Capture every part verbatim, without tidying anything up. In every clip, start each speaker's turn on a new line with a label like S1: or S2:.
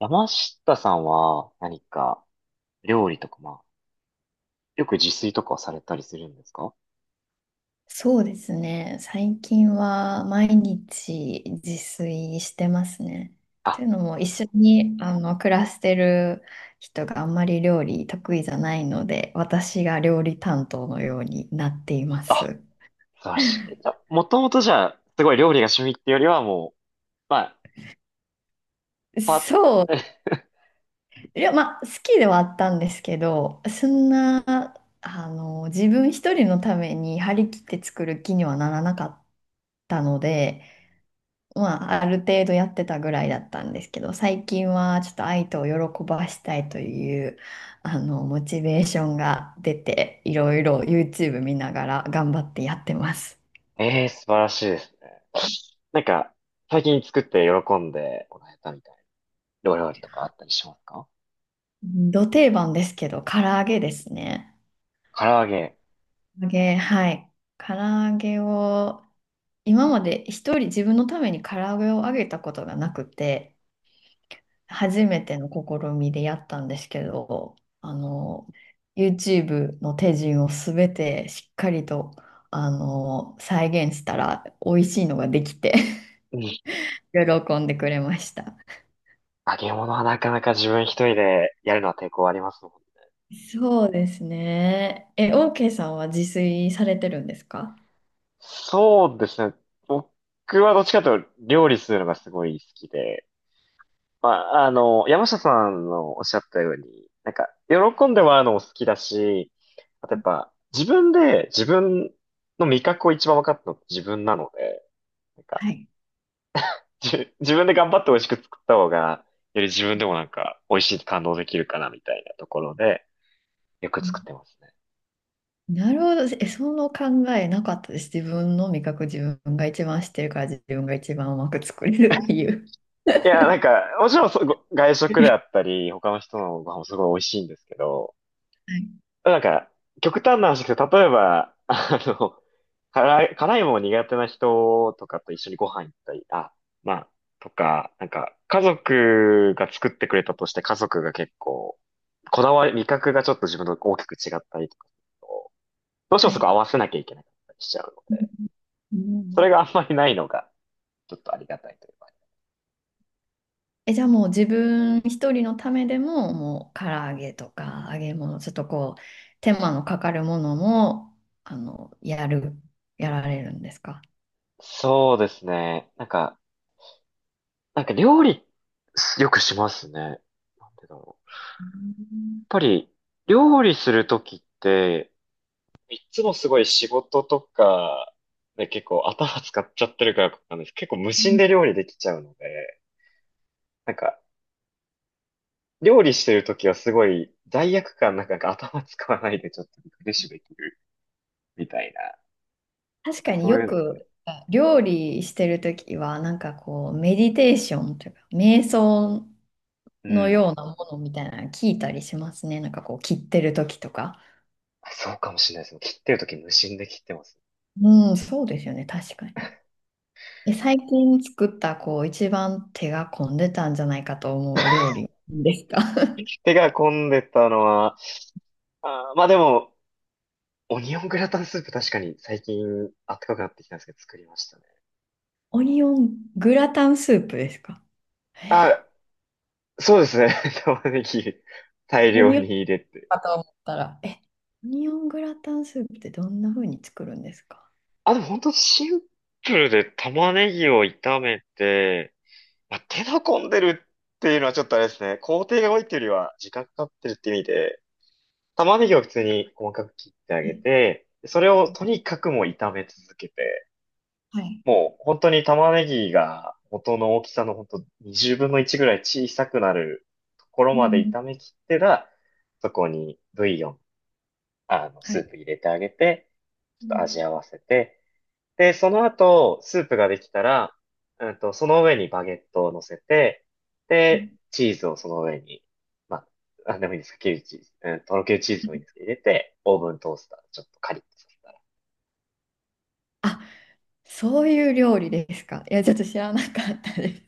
S1: 山下さんは何か料理とか、まあ、よく自炊とかをされたりするんですか？
S2: そうですね。最近は毎日自炊してますね。
S1: あ、
S2: というのも一緒にあの暮らしてる人があんまり料理得意じゃないので、私が料理担当のようになっていま
S1: あ、
S2: す。
S1: 素晴らしい。じゃ、もともとじゃあ、すごい料理が趣味ってよりはもう、まあ、パッ、
S2: そう。いや、まあ、好きではあったんですけど、そんな、あの、自分一人のために張り切って作る気にはならなかったので、まあ、ある程度やってたぐらいだったんですけど、最近はちょっと愛とを喜ばしたいという、あの、モチベーションが出て、いろいろ YouTube 見ながら頑張ってやってます。
S1: ええー、素晴らしいですね。なんか、最近作って喜んでもらえたみたいなお料理とかあったりしますか？
S2: ど定番ですけど、唐揚げですね。
S1: 唐揚げ。
S2: 唐揚げ、はい。唐揚げを、今まで一人自分のために唐揚げを揚げたことがなくて、初めての試みでやったんですけど、あ
S1: う
S2: の、YouTube の手順をすべてしっかりと、あの、再現したら美味しいのができて
S1: ん。
S2: 喜んでくれました。
S1: 揚げ物はなかなか自分一人でやるのは抵抗ありますもんね。
S2: そうですね。え、OK さんは自炊されてるんですか？
S1: そうですね。僕はどっちかというと料理するのがすごい好きで、まあ、あの、山下さんのおっしゃったように、なんか、喜んでもらうのも好きだし、あとやっぱ、自分で自分の味覚を一番分かったのって自分なので、なんか、
S2: はい。
S1: じ自分で頑張って美味しく作った方が、より自分でもなんか、美味しいって感動できるかなみたいなところで、よく
S2: う
S1: 作っ
S2: ん、
S1: てますね。
S2: なるほど。え、その考えなかったです。自分の味覚、自分が一番知ってるから自分が一番うまく作れるっていう。
S1: いや、なんか、もちろんそご外食であ ったり、他の人のご飯もすごい美味しいんですけど、
S2: はい。
S1: なんか、極端な話ですけど、例えば、あの、辛い、辛いもの苦手な人とかと一緒にご飯行ったり、あ、まあ、とか、なんか、家族が作ってくれたとして、家族が結構、こだわり、味覚がちょっと自分と大きく違ったりとかすると、どうして
S2: は
S1: もそこ
S2: い。
S1: 合わせなきゃいけなかったりしちゃうの
S2: う
S1: で、
S2: ん、う
S1: そ
S2: ん、
S1: れがあんまりないのが、ちょっとありがたいというか。
S2: え、じゃあもう自分一人のためでも、もう唐揚げとか揚げ物、ちょっとこう、手間のかかるものも、あの、やる、やられるんですか？
S1: そうですね。なんか、なんか料理、よくしますね。なんでだろう。やっ
S2: う
S1: ぱり、料理するときって、いつもすごい仕事とかで結構頭使っちゃってるからなんです。結構無心で
S2: ん、
S1: 料理できちゃうので、なんか料理してるときはすごい罪悪感なんかなんか頭使わないでちょっとリフレッシュできるみたいな、な
S2: 確
S1: んか
S2: かに
S1: そう
S2: よ
S1: いうので。
S2: く料理してるときは、なんかこう、メディテーションというか、瞑想
S1: う
S2: のよ
S1: ん。
S2: うなものみたいなの聞いたりしますね。なんかこう、切ってるときとか。
S1: あそうかもしれないです。切ってるとき無心で切ってます。
S2: うん、そうですよね、確かに。え、最近作ったこう一番手が込んでたんじゃないかと思う 料理ですか？
S1: 手が込んでたのは、あーまあでも、オニオングラタンスープ確かに最近暖かくなってきたんですけど作りましたね。
S2: オニオングラタンスープですか？え、
S1: あ、そうですね。玉ねぎ大
S2: オ
S1: 量
S2: ニオン
S1: に入れて。
S2: かと思ったら、え、オニオングラタンスープってどんな風に作るんですか？
S1: あ、でも本当シンプルで玉ねぎを炒めて、まあ、手の込んでるっていうのはちょっとあれですね。工程が多いっていうよりは時間かかってるって意味で、玉ねぎを普通に細かく切ってあ
S2: は
S1: げ
S2: い。
S1: て、それをとにかくもう炒め続けて、
S2: はい。
S1: もう本当に玉ねぎが元の大きさの本当にじゅうぶんのいちぐらい小さくなるところ
S2: うん、
S1: まで
S2: うん。
S1: 炒め切ってら、そこにブイヨン、あの、
S2: は
S1: ス
S2: い。
S1: ープ入れてあげて、ち
S2: う
S1: ょっと味
S2: ん、
S1: 合わせて、で、その後、スープができたら、うんと、その上にバゲットを乗せて、
S2: う
S1: で、
S2: ん、
S1: チーズをその上に、まあ、なんでもいいですか、キュウリチーズ、うん、とろけるチーズもいいんですけど、入れて、オーブントースター、ちょっとカリッとさせたら。
S2: あ、そういう料理ですか。いや、ちょっと知らなかったで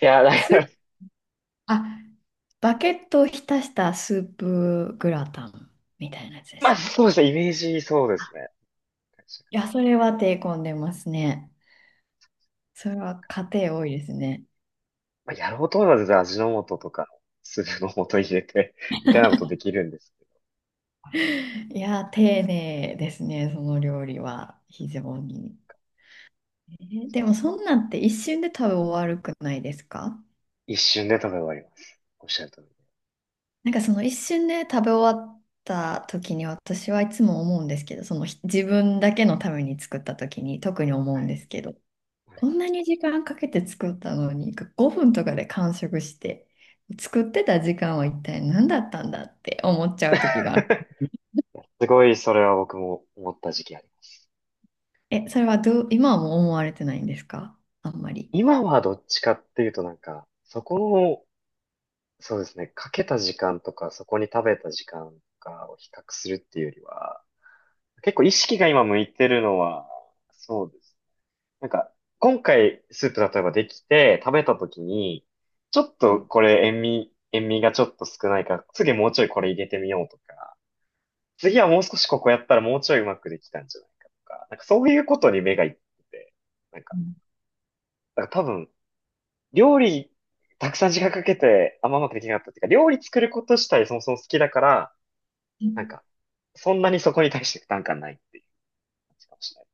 S1: いや、だか
S2: す。ス、
S1: ら、
S2: あ、バゲットを浸したスープグラタンみたいなやつ で
S1: ま
S2: す
S1: あ、
S2: ね。
S1: そうですね、イメージそうですね。
S2: いや、それは手込んでますね。それは家庭多いですね。
S1: まあ、やろうと思えば全然味の素とか、スープの素入れて、みたいなことできるんですけど、
S2: いや、丁寧ですね、その料理は、非常に。えーでも、そんなんって一瞬で食べ終わるくないですか？
S1: 一瞬で食べ終わります。おっしゃる通り。
S2: なんかその一瞬で食べ終わった時に私はいつも思うんですけど、そのひ自分だけのために作った時に特に思
S1: は
S2: うん
S1: い。
S2: ですけど、
S1: は
S2: こ
S1: い、
S2: んなに時間かけて作ったのにごふんとかで完食して、作ってた時間は一体何だったんだって思っちゃう時があ、
S1: すごい、それは僕も思った時期あります。
S2: え、それはどう、今はもう思われてないんですか、あんまり。
S1: 今はどっちかっていうとなんか、そこの、そうですね、かけた時間とか、そこに食べた時間とかを比較するっていうよりは、結構意識が今向いてるのは、そうです。なんか、今回スープ例えばできて食べた時に、ちょっ
S2: は
S1: と
S2: い、
S1: これ塩味、塩味がちょっと少ないから、次もうちょいこれ入れてみようとか、次はもう少しここやったらもうちょいうまくできたんじゃないかとか、なんかそういうことに目がいってて、なんか、
S2: う
S1: だから多分料理、たくさん時間かけて、あんまうまくできなかったっていうか、料理作ること自体そもそも好きだから、
S2: ん、
S1: なんか、そんなにそこに対して負担感ないっていう感じかもしれない。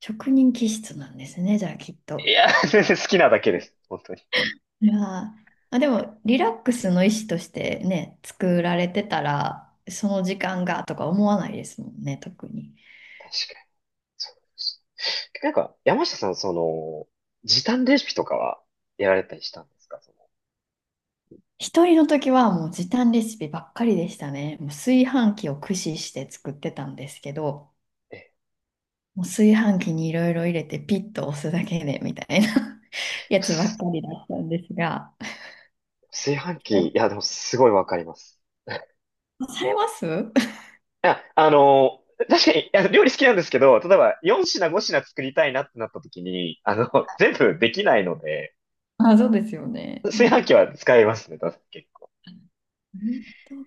S2: 職人気質なんですね、じゃあきっ
S1: い
S2: と。
S1: やー、全然好きなだけです。本当に。
S2: いやー、あ、でも、リラックスの意思としてね、作られてたら、その時間がとか思わないですもんね、特に。
S1: 確かに。そうですなんか、山下さん、その、時短レシピとかはやられたりしたんですか？その、
S2: 一人の時はもう時短レシピばっかりでしたね。もう炊飯器を駆使して作ってたんですけど、
S1: え、
S2: もう炊飯器にいろいろ入れてピッと押すだけでみたいな や
S1: す
S2: つばっかりだったんですが。
S1: 炊飯器、い
S2: え、
S1: や、でもすごいわかります。
S2: されます？
S1: いや、あの、確かに、いや、料理好きなんですけど、例えばよん品ご品作りたいなってなった時に、あの、全部できないので、
S2: あ、そうですよね。う
S1: 炊飯
S2: ん、
S1: 器は使いますね、確かに結構。
S2: うんと、い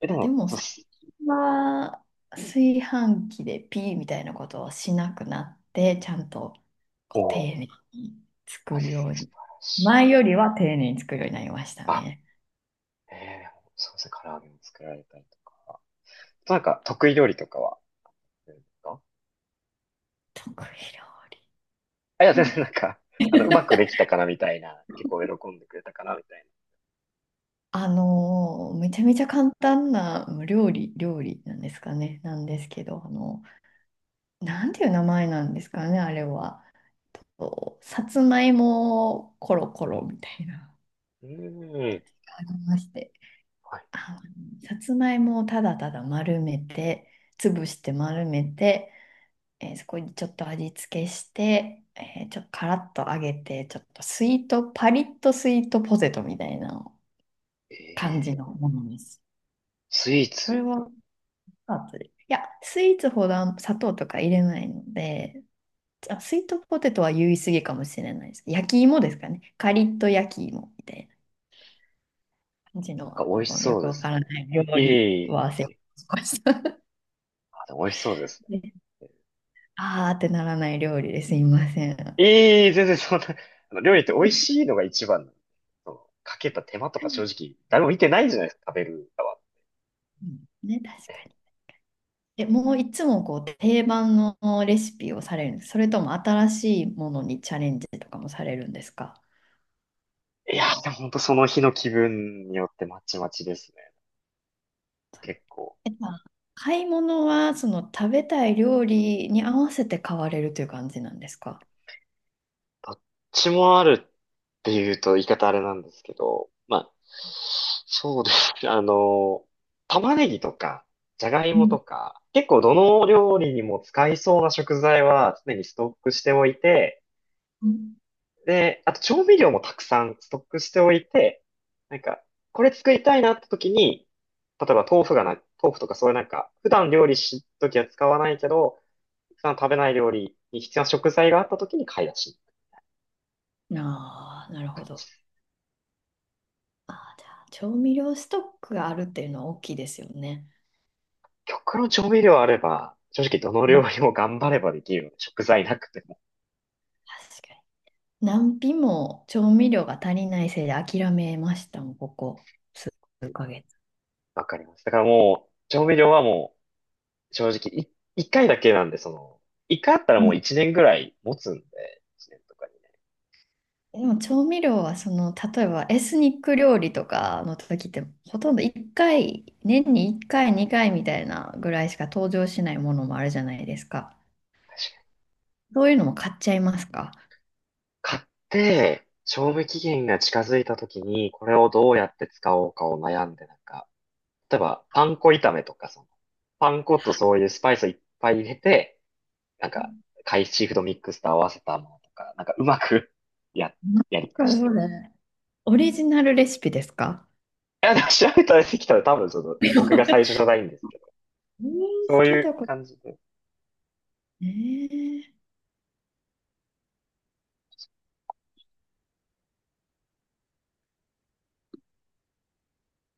S1: え、で
S2: や、で
S1: も、
S2: も
S1: そうっ
S2: 最
S1: す。
S2: 近は炊飯器でピーみたいなことをしなくなって、ちゃんと
S1: お
S2: こう丁
S1: ー、
S2: 寧に
S1: あ
S2: 作るよう
S1: 素
S2: に。
S1: 晴らしい。
S2: 前よりは丁寧に作るようになりました
S1: あ、
S2: ね。
S1: えー、そうですね、唐揚げも作られたりとか。なんか、得意料理とかはうですか？
S2: 得意料理。
S1: あ、いや、
S2: な
S1: 全
S2: ん
S1: 然な
S2: で？
S1: んか、あの、うまくでき たかなみたいな、結構喜んでくれたかなみたい
S2: あのーめちゃめちゃ簡単なまあ料理、料理なんですかね。なんですけど、あの、なんていう名前なんですかね、あれは。こうさつまいもコロコロみたいな。
S1: な。うーん。
S2: ありまして。
S1: は
S2: あ、さつまいもをただただ丸めて、潰して丸めて、えーそこにちょっと味付けして、えーちょっとカラッと揚げて、ちょっとスイート、パリッとスイートポテトみたいな感じ
S1: い。
S2: の
S1: ええ、
S2: ものです。
S1: スイー
S2: それ
S1: ツ、
S2: は、あとで、いや、スイーツほどあん砂糖とか入れないので、あ、スイートポテトは言い過ぎかもしれないです。焼き芋ですかね。カリッと焼き芋みたいな感じの、
S1: なんか美味し
S2: このよ
S1: そう
S2: く
S1: で
S2: わ
S1: す
S2: から
S1: ね。
S2: ない料理
S1: い
S2: は
S1: い。
S2: 忘れました。
S1: あ、でも美味しそうです。
S2: あーってならない料理ですいません。
S1: ええ全然そんな、あの料理って美味しいのが一番なんで、そのかけた手間とか正直、誰も見てないじゃないですか、食べる側。
S2: うんね、確かに。え、もういつもこう定番のレシピをされるんです？それとも新しいものにチャレンジとかもされるんですか？
S1: いやー、でも本当その日の気分によってまちまちですね。結構。
S2: え、まあ買い物はその食べたい料理に合わせて買われるという感じなんですか？
S1: どっちもあるっていうと言い方あれなんですけど、まあ、そうですね。あの、玉ねぎとか、じゃがい
S2: う
S1: も
S2: ん、
S1: とか、結構どの料理にも使いそうな食材は常にストックしておいて、
S2: うん、
S1: で、あと調味料もたくさんストックしておいて、なんか、これ作りたいなって時に、例えば豆腐がない、豆腐とかそういうなんか、普段料理しときは使わないけど、普段食べない料理に必要な食材があった時に買い出し。
S2: ああー、なるほど。ああ、じゃあ、調味料ストックがあるっていうのは大きいですよね。
S1: 極論調味料あれば、正直どの料
S2: ね、
S1: 理も頑張ればできるので、食材なくても
S2: 確かに。何品も調味料が足りないせいで諦めましたもん、ここ数ヶ月。
S1: わかります。だからもう、調味料はもう、正直い、一回だけなんで、その、一回あったら
S2: う
S1: もう
S2: ん、
S1: 一年ぐらい持つんで、一年とかにね。
S2: でも調味料はその、例えばエスニック料理とかの時って、ほとんどいっかい、年にいっかい、にかいみたいなぐらいしか登場しないものもあるじゃないですか。そういうのも買っちゃいますか？
S1: 買って、賞味期限が近づいた時に、これをどうやって使おうかを悩んで、なんか、例えば、パン粉炒めとか、その、パン粉とそういうスパイスをいっぱい入れて、なんか、海シーフードミックスと合わせたものとか、なんか、うまく や、
S2: なん
S1: やりくりし
S2: か
S1: て。
S2: それ。オリジナルレシピですか？
S1: いや、でも調べたらできたら多分、その、僕が最初じ ゃないんですけど、
S2: えー、
S1: そう
S2: 聞
S1: い
S2: いた
S1: う
S2: こと。
S1: 感じで。
S2: えー